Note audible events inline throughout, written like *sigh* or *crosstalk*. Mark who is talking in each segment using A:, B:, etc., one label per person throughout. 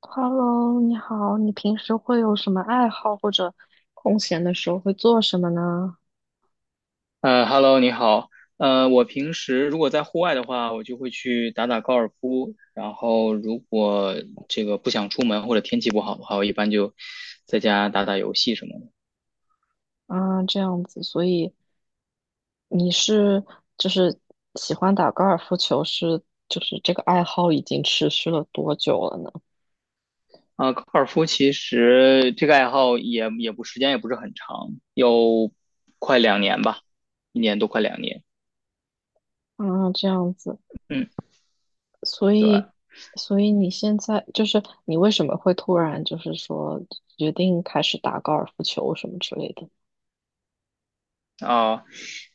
A: Hello，你好，你平时会有什么爱好，或者空闲的时候会做什么呢？
B: Hello，你好。我平时如果在户外的话，我就会去打打高尔夫。然后，如果这个不想出门或者天气不好的话，我一般就在家打打游戏什么的。
A: 啊，这样子，所以你是就是喜欢打高尔夫球是，就是这个爱好已经持续了多久了呢？
B: 啊，高尔夫其实这个爱好也不时间也不是很长，有快两年吧，一年多快两年。
A: 啊，这样子，
B: 嗯，
A: 所
B: 对。
A: 以所以你现在你为什么会突然就是说决定开始打高尔夫球什么之类的？
B: 啊，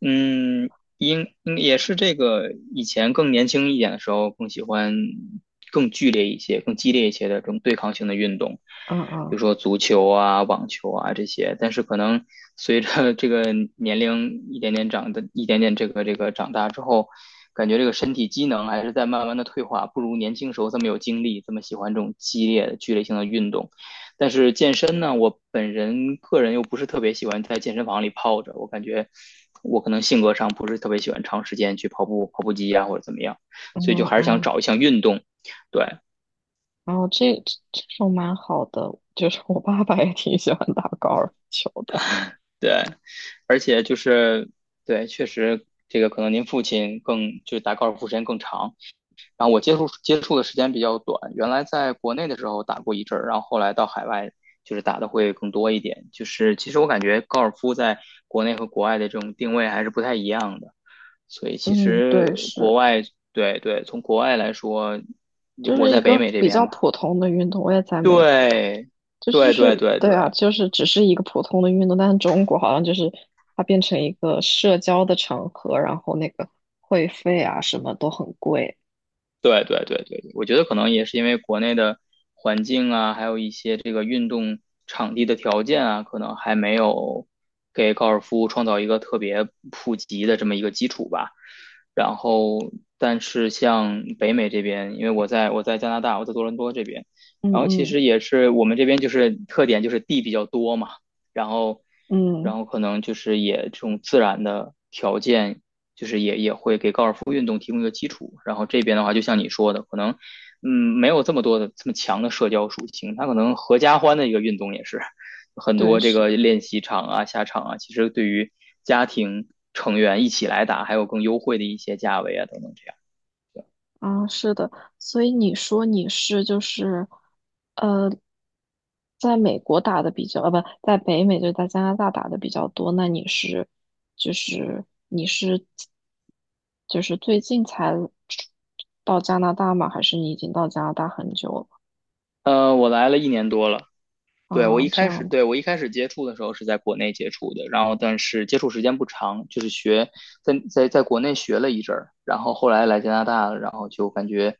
B: 嗯，应也是这个以前更年轻一点的时候，更喜欢更剧烈一些、更激烈一些的这种对抗性的运动，
A: 嗯
B: 比
A: 嗯。
B: 如说足球啊、网球啊这些。但是可能随着这个年龄一点点长的、一点点这个长大之后，感觉这个身体机能还是在慢慢的退化，不如年轻时候这么有精力，这么喜欢这种激烈的、剧烈性的运动。但是健身呢，我本人个人又不是特别喜欢在健身房里泡着，我感觉我可能性格上不是特别喜欢长时间去跑步、跑步机呀、或者怎么样，
A: 嗯
B: 所以就还是想
A: 嗯。
B: 找一项运动。对
A: 然后这种蛮好的，就是我爸爸也挺喜欢打高尔夫球的。
B: 对，而且就是对，确实这个可能您父亲更就是打高尔夫时间更长，然后我接触接触的时间比较短，原来在国内的时候打过一阵儿，然后后来到海外。就是打的会更多一点，就是其实我感觉高尔夫在国内和国外的这种定位还是不太一样的。所以其
A: 嗯，
B: 实
A: 对，是，
B: 国外，对对，从国外来说，
A: 就
B: 我
A: 是一
B: 在北
A: 个
B: 美这
A: 比
B: 边
A: 较
B: 嘛，
A: 普通的运动。我也在美国，
B: 对，
A: 就是就
B: 对对
A: 是，
B: 对对
A: 对啊，就是只是一个普通的运动，但是中国好像就是它变成一个社交的场合，然后那个会费啊什么都很贵。
B: 对对对对，我觉得可能也是因为国内的环境啊，还有一些这个运动场地的条件啊，可能还没有给高尔夫创造一个特别普及的这么一个基础吧。然后，但是像北美这边，因为我在加拿大，我在多伦多这边，
A: 嗯
B: 然后其
A: 嗯。
B: 实也是我们这边就是特点就是地比较多嘛。然后，然
A: 嗯，
B: 后可能就是也这种自然的条件，就是也会给高尔夫运动提供一个基础。然后这边的话，就像你说的，可能嗯没有这么多的这么强的社交属性，它可能合家欢的一个运动也是很
A: 对，
B: 多这个
A: 是。
B: 练习场啊、下场啊，其实对于家庭成员一起来打，还有更优惠的一些价位啊等等这样。
A: 啊，是的，所以你说你是就是，呃，在美国打的比较，不，在北美就在加拿大打的比较多。那你是，就是你是，就是最近才到加拿大吗？还是你已经到加拿大很久了？
B: 我来了一年多了，对，我一
A: 啊，这
B: 开始，
A: 样。
B: 对，我一开始接触的时候是在国内接触的，然后但是接触时间不长，就是在国内学了一阵儿，然后后来来加拿大了，然后就感觉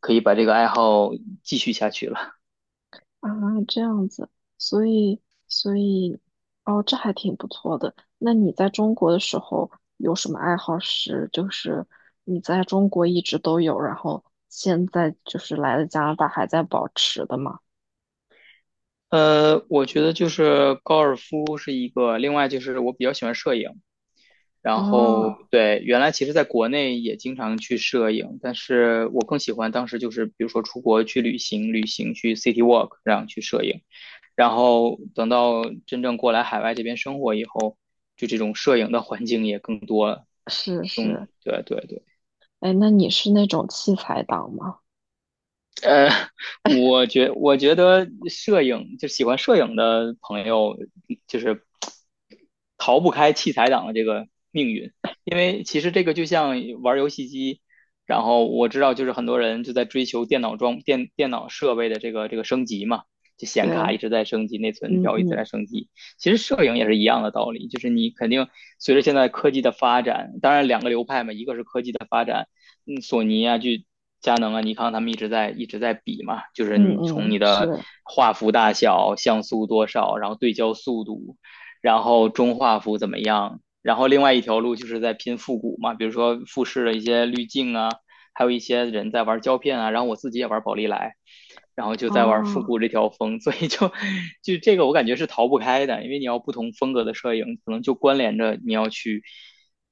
B: 可以把这个爱好继续下去了。
A: 啊，这样子，所以所以，哦，这还挺不错的。那你在中国的时候有什么爱好是，就是你在中国一直都有，然后现在就是来了加拿大还在保持的吗？
B: *laughs* 我觉得就是高尔夫是一个，另外就是我比较喜欢摄影，然后
A: 啊，
B: 对，原来其实在国内也经常去摄影，但是我更喜欢当时就是比如说出国去旅行，旅行去 city walk，然后去摄影。然后等到真正过来海外这边生活以后，就这种摄影的环境也更多了。
A: 是
B: 嗯，
A: 是。
B: 对对对。
A: 哎，那你是那种器材党吗？
B: 呃，我觉得摄影就喜欢摄影的朋友，就是逃不开器材党的这个命运，因为其实这个就像玩游戏机，然后我知道就是很多人就在追求电脑装电脑设备的这个升级嘛，就显
A: 对，
B: 卡一直在升级，内存
A: 嗯
B: 条一直
A: 嗯。
B: 在升级。其实摄影也是一样的道理，就是你肯定随着现在科技的发展，当然两个流派嘛，一个是科技的发展。索尼啊，就佳能啊、尼康他们一直在比嘛，就是
A: 嗯
B: 你从你
A: 嗯，
B: 的
A: 是，
B: 画幅大小、像素多少，然后对焦速度，然后中画幅怎么样，然后另外一条路就是在拼复古嘛，比如说富士的一些滤镜啊，还有一些人在玩胶片啊，然后我自己也玩宝丽来。然后就在玩复
A: 啊。
B: 古这条风，所以就这个我感觉是逃不开的，因为你要不同风格的摄影，可能就关联着你要去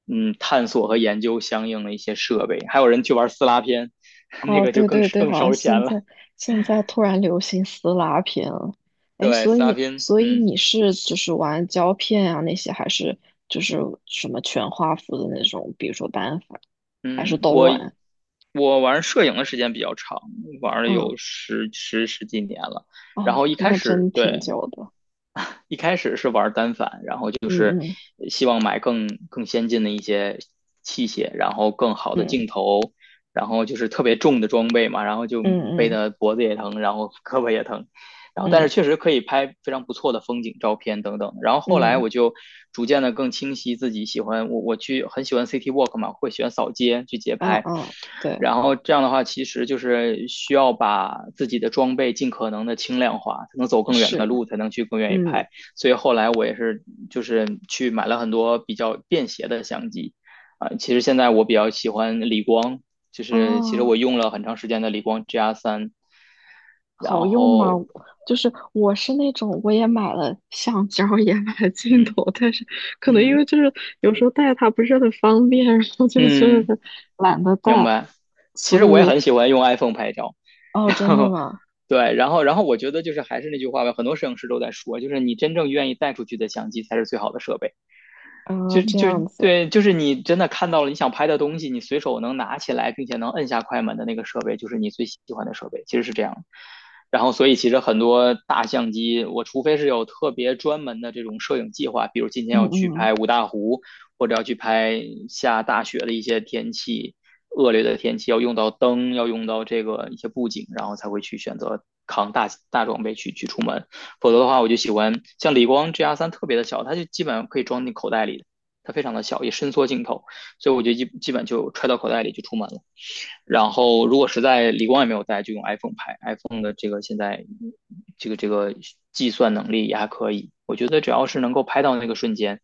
B: 探索和研究相应的一些设备，还有人去玩撕拉片，*laughs* 那
A: 哦，
B: 个就
A: 对
B: 更
A: 对对，
B: 更
A: 好像
B: 烧
A: 现
B: 钱了。
A: 在现在突然流行撕拉片了。哎，
B: 对，
A: 所
B: 撕拉
A: 以
B: 片，
A: 所以
B: 嗯
A: 你是玩胶片啊那些，还是就是什么全画幅的那种，比如说单反，还是
B: 嗯，
A: 都
B: 我
A: 玩？
B: 我玩摄影的时间比较长，玩了
A: 嗯，
B: 有十几年了。然
A: 哦，
B: 后一开
A: 那
B: 始
A: 真挺
B: 对，
A: 久的。
B: *laughs* 一开始是玩单反，
A: 嗯嗯。
B: 希望买更先进的一些器械，然后更好的
A: 嗯
B: 镜头，然后就是特别重的装备嘛，然后就
A: 嗯。
B: 背
A: 嗯
B: 的脖子也疼，然后胳膊也疼，然后但
A: 嗯。
B: 是确实可以拍非常不错的风景照片等等。然后后来
A: 嗯。
B: 我就逐渐的更清晰自己喜欢我去很喜欢 city walk 嘛，会喜欢扫街去街
A: 啊啊，
B: 拍，
A: 嗯对，
B: 然后这样的话其实就是需要把自己的装备尽可能的轻量化，才能走更远的
A: 是。
B: 路，才能去更愿意
A: 嗯。
B: 拍。所以后来我也是就是去买了很多比较便携的相机啊、其实现在我比较喜欢理光，就
A: 啊。
B: 是其实我用了很长时间的理光 GR 三，然
A: 好用吗？
B: 后
A: 就是我是那种，我也买了橡胶，也买了镜
B: 嗯
A: 头，但是可能因为
B: 嗯
A: 有时候带它不是很方便，*laughs* 然后就是
B: 嗯，
A: 懒得带，
B: 明白。其实
A: 所
B: 我也
A: 以。
B: 很喜欢用 iPhone 拍照，
A: 哦，
B: 然
A: 真的
B: 后
A: 吗？
B: 对，然后我觉得就是还是那句话吧，很多摄影师都在说，就是你真正愿意带出去的相机才是最好的设备。
A: 啊，
B: 就
A: 这
B: 就
A: 样子。
B: 对，就是你真的看到了你想拍的东西，你随手能拿起来，并且能摁下快门的那个设备，就是你最喜欢的设备，其实是这样。然后，所以其实很多大相机，我除非是有特别专门的这种摄影计划，比如今天
A: 嗯
B: 要去
A: 嗯。
B: 拍五大湖，或者要去拍下大雪的一些天气，恶劣的天气，要用到灯，要用到这个一些布景，然后才会去选择扛大装备去出门。否则的话，我就喜欢像理光 GR 三特别的小，它就基本上可以装进口袋里的。它非常的小，也伸缩镜头，所以我就基本就揣到口袋里就出门了。然后如果实在理光也没有带，就用 iPhone 拍。iPhone 的这个现在这个计算能力也还可以，我觉得只要是能够拍到那个瞬间，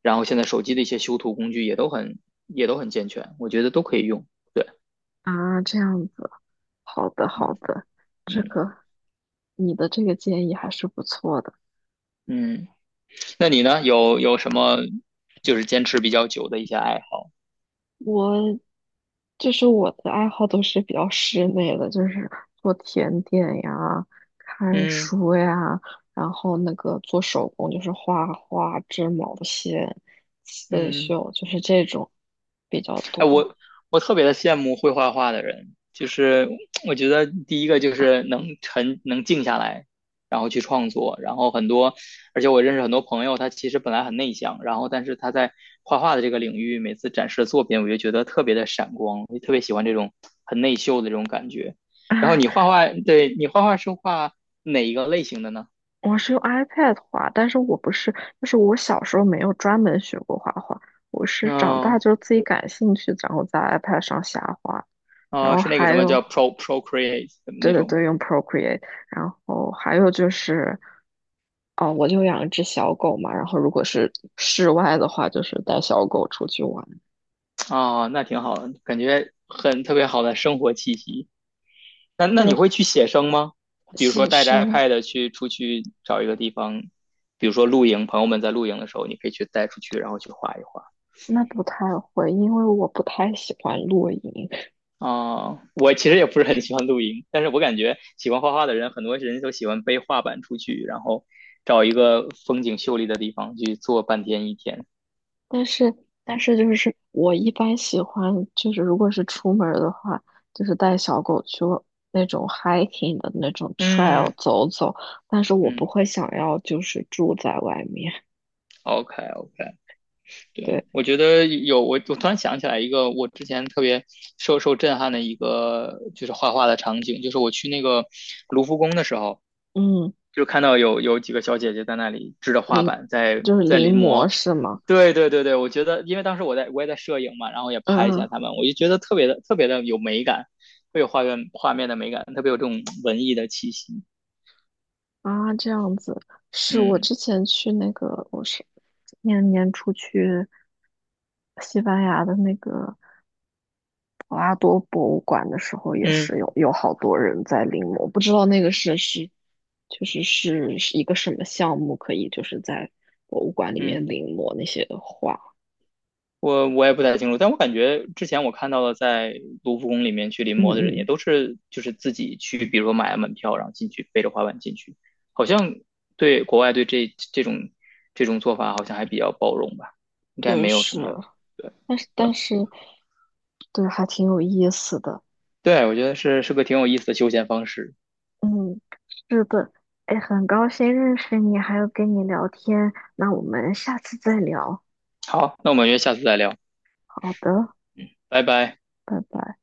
B: 然后现在手机的一些修图工具也都很健全，我觉得都可以用。
A: 啊，这样子，好的好
B: 嗯
A: 的，这
B: 嗯
A: 个你的这个建议还是不错的。
B: 嗯，那你呢？有什么就是坚持比较久的一些爱好？
A: 我我的爱好都是比较室内的，就是做甜点呀、看
B: 嗯
A: 书呀，然后那个做手工，就是画画、织毛线、刺
B: 嗯。
A: 绣，就是这种比较多。
B: 我我特别的羡慕会画画的人，就是我觉得第一个就是能静下来，然后去创作，然后很多，而且我认识很多朋友，他其实本来很内向，然后但是他在画画的这个领域，每次展示的作品，我就觉得特别的闪光，我就特别喜欢这种很内秀的这种感觉。然后你画
A: *laughs*
B: 画，对你画画是画哪一个类型的呢？
A: 我是用 iPad 画，但是我不是，就是我小时候没有专门学过画画，我是长大
B: 嗯，
A: 就是自己感兴趣，然后在 iPad 上瞎画。然后
B: 是那个
A: 还
B: 什么
A: 有，
B: 叫 Procreate 的
A: 对
B: 那
A: 对
B: 种吗？
A: 对，用 Procreate，然后还有就是，哦，我就养一只小狗嘛，然后如果是室外的话，就是带小狗出去玩。
B: 哦，那挺好的，感觉很特别好的生活气息。那你
A: 对，
B: 会去写生吗？比如说
A: 写
B: 带着
A: 生
B: iPad 去出去找一个地方，比如说露营，朋友们在露营的时候，你可以去带出去，然后去画一画。
A: 那不太会，因为我不太喜欢露营，
B: 哦，我其实也不是很喜欢露营，但是我感觉喜欢画画的人，很多人都喜欢背画板出去，然后找一个风景秀丽的地方去坐半天一天。
A: 但是就是我一般喜欢就是如果是出门儿的话，就是带小狗去那种 hiking 的那种 trail
B: 嗯
A: 走走，但是我不
B: 嗯
A: 会想要就是住在外面。
B: ，OK OK。对，
A: 对。
B: 我觉得我突然想起来一个我之前特别受震撼的一个就是画画的场景，就是我去那个卢浮宫的时候，
A: 嗯。
B: 就看到有几个小姐姐在那里支着画
A: 临，
B: 板在
A: 就是
B: 在临
A: 临摹
B: 摹。
A: 是吗？
B: 对对对对，我觉得因为当时我也在摄影嘛，然后也拍一
A: 嗯
B: 下
A: 嗯。
B: 他们，我就觉得特别的特别的有美感，特别有画面画面的美感，特别有这种文艺的气息。
A: 啊，这样子。是我
B: 嗯
A: 之前去那个，我是年年初去西班牙的那个博拉多博物馆的时候，也
B: 嗯
A: 是有好多人在临摹，不知道那个是就是是一个什么项目，可以就是在博物馆里面
B: 嗯。
A: 临摹那些画。
B: 我也不太清楚，但我感觉之前我看到了在卢浮宫里面去临
A: 嗯
B: 摹的人，也
A: 嗯，
B: 都是就是自己去，比如说买了门票，然后进去背着滑板进去，好像对国外对这种做法好像还比较包容吧，应该
A: 对，
B: 没有什
A: 是。
B: 么。对
A: 但是
B: 对
A: 但是对，还挺有意思的。
B: 对，我觉得是个挺有意思的休闲方式。
A: 嗯，是的，哎，很高兴认识你，还有跟你聊天，那我们下次再聊。
B: 好，那我们约下次再聊，
A: 好的，
B: 拜拜。
A: 拜拜。